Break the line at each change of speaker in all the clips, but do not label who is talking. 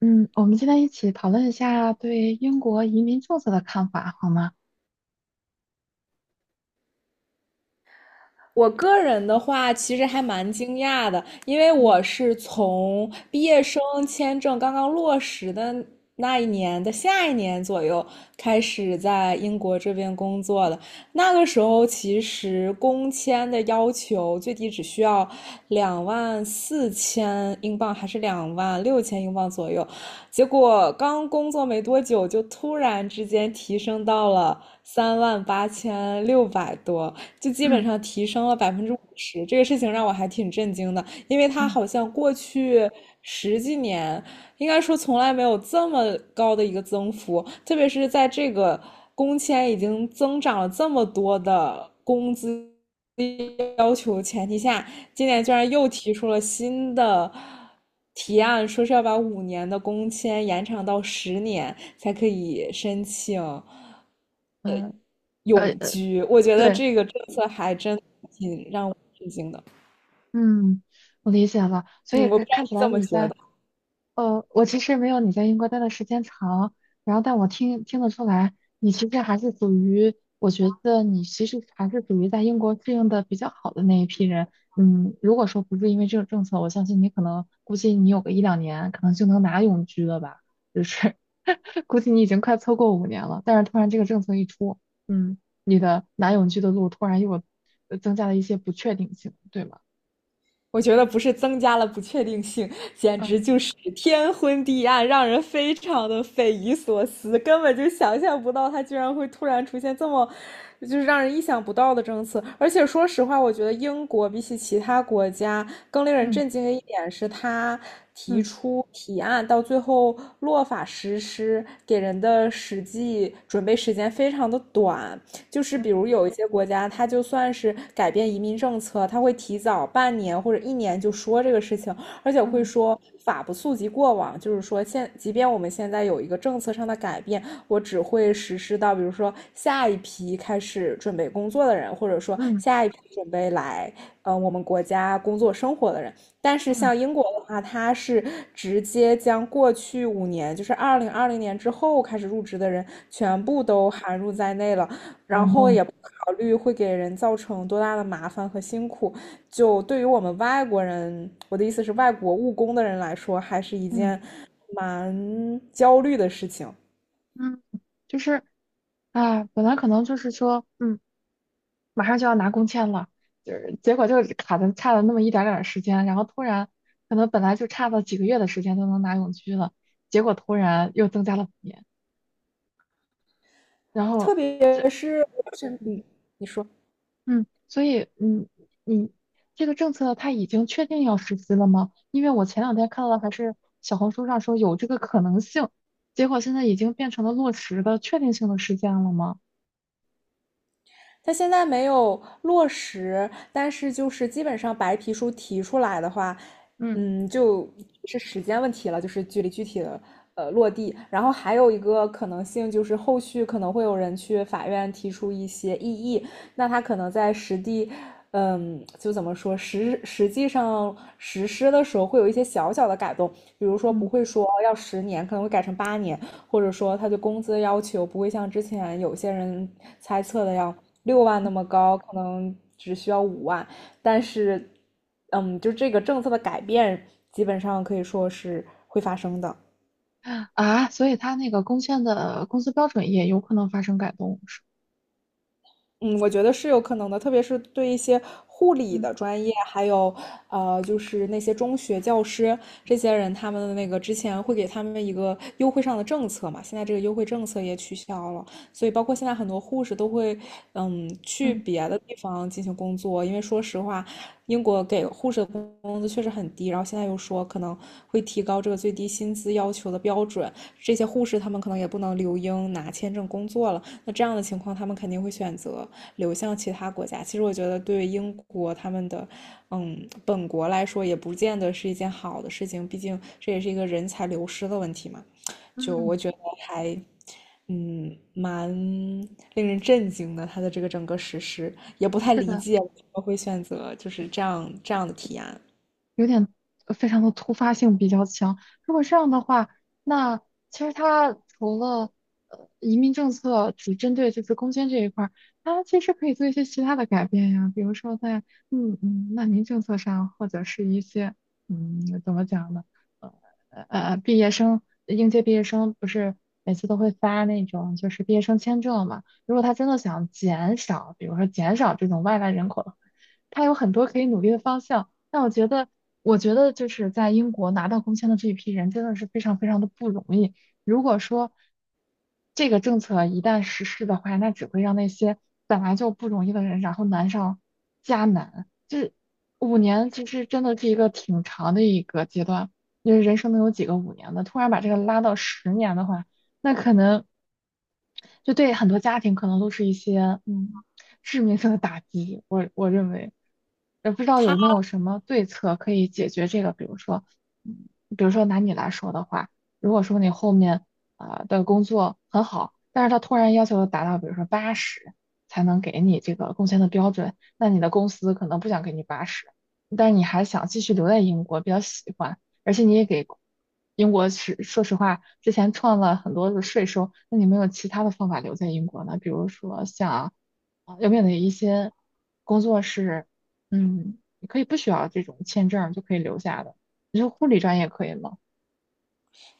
嗯，我们今天一起讨论一下对英国移民政策的看法，好吗？
我个人的话，其实还蛮惊讶的，因为
嗯
我是从毕业生签证刚刚落实的那一年的下一年左右开始在英国这边工作的。那个时候，其实工签的要求最低只需要24,000英镑，还是26,000英镑左右。结果刚工作没多久，就突然之间提升到了38,600多。就基本
嗯
上提升了50%，这个事情让我还挺震惊的，因为他
嗯
好像过去十几年，应该说从来没有这么高的一个增幅，特别是在这个工签已经增长了这么多的工资要求前提下，今年
嗯，
居然又提出了新的提案，说是要把五年的工签延长到十年才可以申请。
嗯，呃
永
呃，
居，我觉得
对，
这个政策还真挺让我吃惊的。
嗯，我理解了。所以
嗯，我不
看
知道
看起
你
来
怎么觉得。
我其实没有你在英国待的时间长，然后但我听得出来，你其实还是属于，我觉得你其实还是属于在英国适应的比较好的那一批人。嗯，如果说不是因为这个政策，我相信你可能估计你有个一两年，可能就能拿永居了吧？就是 估计你已经快凑够五年了，但是突然这个政策一出，嗯，你的拿永居的路突然又增加了一些不确定性，对吗？
我觉得不是增加了不确定性，简
嗯
直就是天昏地暗，让人非常的匪夷所思，根本就想象不到它居然会突然出现这么，就是让人意想不到的政策。而且说实话，我觉得英国比起其他国家更令人
嗯
震惊的一点是，它提
嗯
出提案到最后落法实施，给人的实际准备时间非常的短，就是比如有一些国家，它就算是改变移民政策，它会提早半年或者一年就说这个事情，而且会
嗯
说法不溯及过往，就是说现即便我们现在有一个政策上的改变，我只会实施到比如说下一批开始准备工作的人，或者说
嗯嗯
下一批准备来我们国家工作生活的人。但是
嗯。
像英国的话，它是直接将过去5年，就是2020年之后开始入职的人，全部都含入在内了。
哦
然后也
no！
不考虑会给人造成多大的麻烦和辛苦。就对于我们外国人，我的意思是外国务工的人来说，还是一
嗯
件蛮焦虑的事情。
嗯，就是啊，本来可能就是说，马上就要拿工签了，就是结果就卡的差了那么一点儿时间，然后突然可能本来就差了几个月的时间就能拿永居了，结果突然又增加了五年，然
特
后这，
别是
嗯，
嗯，你说，
嗯，所以嗯，这个政策它已经确定要实施了吗？因为我前两天看到还是小红书上说有这个可能性，结果现在已经变成了落实的确定性的事件了吗？
它现在没有落实，但是就是基本上白皮书提出来的话，
嗯
嗯，就是时间问题了，就是距离具体的落地。然后还有一个可能性就是后续可能会有人去法院提出一些异议，那他可能在实地。嗯，就怎么说，实际上实施的时候会有一些小小的改动，比如说
嗯
不
嗯
会说要十年，可能会改成8年，或者说他对工资的要求不会像之前有些人猜测的要60,000那么高，可能只需要50,000。但是，嗯，就这个政策的改变，基本上可以说是会发生的。
啊，所以它那个工签的工资标准也有可能发生改动，是吧。
嗯，我觉得是有可能的，特别是对一些护理
嗯
的专业，还有就是那些中学教师这些人，他们的那个之前会给他们一个优惠上的政策嘛，现在这个优惠政策也取消了，所以包括现在很多护士都会去
嗯
别的地方进行工作，因为说实话，英国给护士的工资确实很低，然后现在又说可能会提高这个最低薪资要求的标准，这些护士他们可能也不能留英拿签证工作了，那这样的情况他们肯定会选择。流向其他国家。其实我觉得，对英国他们的，嗯，本国来说，也不见得是一件好的事情。毕竟这也是一个人才流失的问题嘛。就
嗯，
我觉得还，嗯，蛮令人震惊的。他的这个整个实施也不太
是
理
的。
解为什么会选择就是这样的提案。
有点非常的突发性比较强。如果这样的话，那其实他除了移民政策只针对这次攻坚这一块儿，它其实可以做一些其他的改变呀，比如说在难民政策上，或者是一些怎么讲呢？呃毕业生应届毕业生不是每次都会发那种就是毕业生签证嘛？如果他真的想减少，比如说减少这种外来人口的话，他有很多可以努力的方向。那我觉得，我觉得就是在英国拿到工签的这一批人真的是非常非常的不容易。如果说这个政策一旦实施的话，那只会让那些本来就不容易的人，然后难上加难。这五年其实真的是一个挺长的一个阶段，因为人生能有几个五年的？突然把这个拉到10年的话，那可能就对很多家庭可能都是一些嗯。致命性的打击。我认为，也不知道有没有什么对策可以解决这个，比如说，嗯，比如说拿你来说的话，如果说你后面的工作很好，但是他突然要求达到，比如说八十才能给你这个工签的标准，那你的公司可能不想给你八十，但是你还想继续留在英国，比较喜欢，而且你也给。英国是说实话，之前创了很多的税收，那你没有其他的方法留在英国呢？比如说有没有哪一些工作是，嗯，你可以不需要这种签证就可以留下的？你说护理专业可以吗？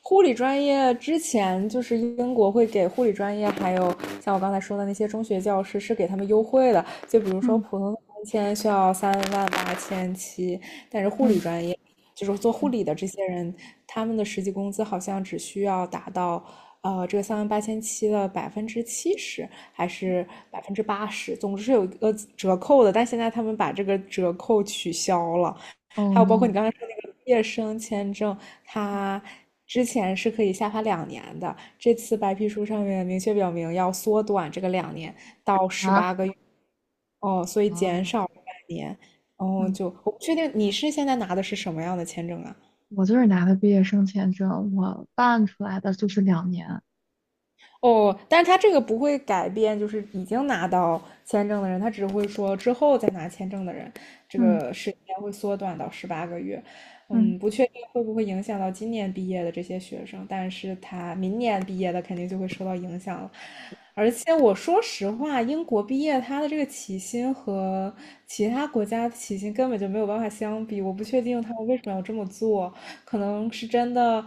护理专业之前就是英国会给护理专业，还有像我刚才说的那些中学教师是给他们优惠的，就比如说
嗯
普通的三千需要三万八千七，但是护理
嗯
专业就是做护
嗯
理的这些人，他们的实际工资好像只需要达到。这个三万八千七的70%还是80%，总之是有一个折扣的，但现在他们把这个折扣取消了，
哦
还有包括你
no
刚才说那个毕业生签证，
嗯
它之前是可以下发两年的，这次白皮书上面明确表明要缩短这个两年到十八
啊
个月，哦，所以减
啊！
少半年，哦，
嗯，
就我不确定你是现在拿的是什么样的签证啊？
我就是拿的毕业生签证，我办出来的就是两年。
哦，但是他这个不会改变，就是已经拿到签证的人，他只会说之后再拿签证的人，这
嗯
个时间会缩短到十八个月。
嗯
嗯，不确定会不会影响到今年毕业的这些学生，但是他明年毕业的肯定就会受到影响了。而且我说实话，英国毕业他的这个起薪和其他国家的起薪根本就没有办法相比，我不确定他们为什么要这么做。可能是真的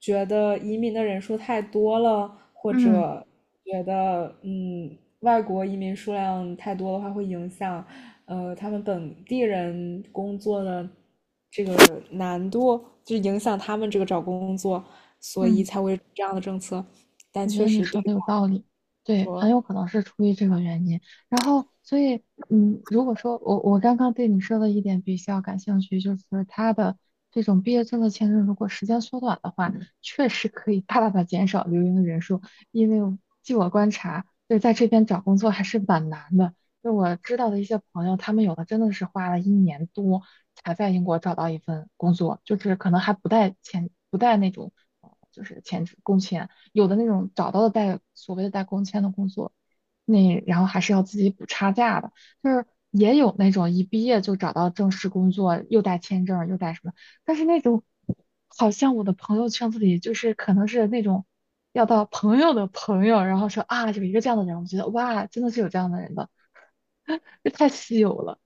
觉得移民的人数太多了，或
嗯
者觉得外国移民数量太多的话，会影响他们本地人工作的这个难度，就影响他们这个找工作，所以
嗯，
才会这样的政策。但
我觉
确
得你
实对
说的有
我
道理，对，很
说，
有可能是出于这个原因。然后，所以，嗯，如果说我刚刚对你说的一点比较感兴趣，就是他的这种毕业证的签证，如果时间缩短的话，确实可以大大的减少留英的人数。因为据我观察，就是在这边找工作还是蛮难的。就我知道的一些朋友，他们有的真的是花了1年多才在英国找到一份工作，就是可能还不带签，不带那种，就是签证工签。有的那种找到的带所谓的带工签的工作，那然后还是要自己补差价的，就是也有那种一毕业就找到正式工作，又带签证又带什么，但是那种好像我的朋友圈子里就是可能是那种要到朋友的朋友，然后说啊有一个这样的人，人我觉得哇，真的的的，是有这样的人的。这太稀有了。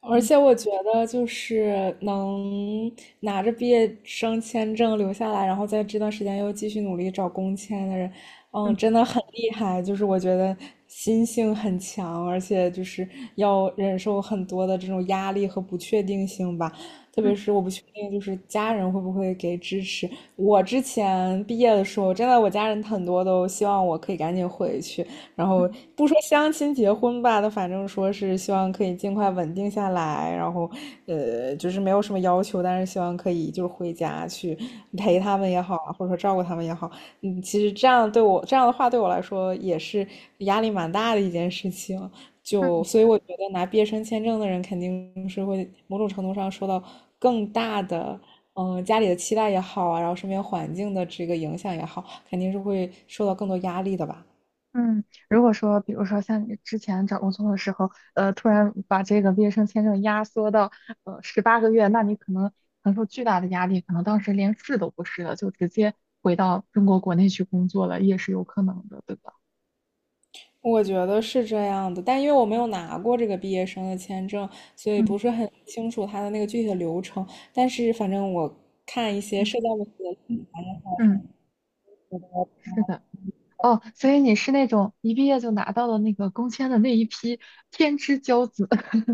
而
嗯
且我觉得，就是能拿着毕业生签证留下来，然后在这段时间又继续努力找工签的人，嗯，真
嗯
的很厉害。就是我觉得心性很强，而且就是要忍受很多的这种压力和不确定性吧。特
嗯
别是我不确定，就是家人会不会给支持。我之前毕业的时候，真的我家人很多都希望我可以赶紧回去，然后
嗯
不说相亲结婚吧，那反正说是希望可以尽快稳定下来，然后就是没有什么要求，但是希望可以就是回家去陪他们也好，或者说照顾他们也好，嗯，其实这样对我这样的话对我来说也是压力蛮大的一件事情。就
嗯。
所以我觉得拿毕业生签证的人肯定是会某种程度上受到更大的，嗯，家里的期待也好啊，然后身边环境的这个影响也好，肯定是会受到更多压力的吧。
嗯，如果说，比如说像你之前找工作的时候，突然把这个毕业生签证压缩到18个月，那你可能承受巨大的压力，可能当时连试都不试了，就直接回到中国国内去工作了，也是有可能的，对吧？
我觉得是这样的，但因为我没有拿过这个毕业生的签证，所以
嗯
不是很清楚他的那个具体的流程。但是反正我看一些
嗯
社交媒体，
嗯，是的。哦，所以你是那种一毕业就拿到了那个工签的那一批天之骄子。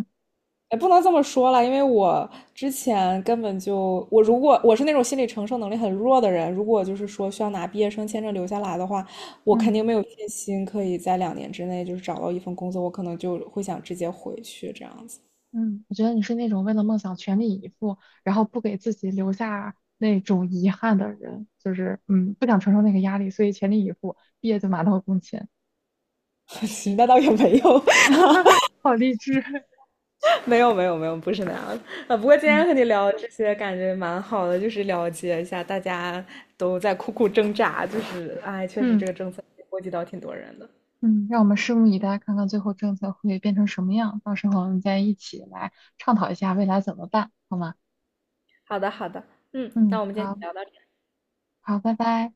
哎，不能这么说了，因为我之前根本就，我如果我是那种心理承受能力很弱的人，如果就是说需要拿毕业生签证留下来的话，我肯
嗯。
定没有信心可以在两年之内就是找到一份工作，我可能就会想直接回去这样子。
嗯，我觉得你是那种为了梦想全力以赴，然后不给自己留下那种遗憾的人，就是嗯，不想承受那个压力，所以全力以赴，毕业就马到功成。
那倒也没有，
好励志。
没有没有没有，不是那样的。不过今
嗯
天和你聊这些，感觉蛮好的，就是了解一下大家都在苦苦挣扎，就是哎，确实
嗯
这个政策波及到挺多人的。
嗯，让我们拭目以待，看看最后政策会变成什么样。到时候我们再一起来倡讨一下未来怎么办，好吗？
好的好的，嗯，那
嗯，
我们今
好
天聊到这。
好，拜拜。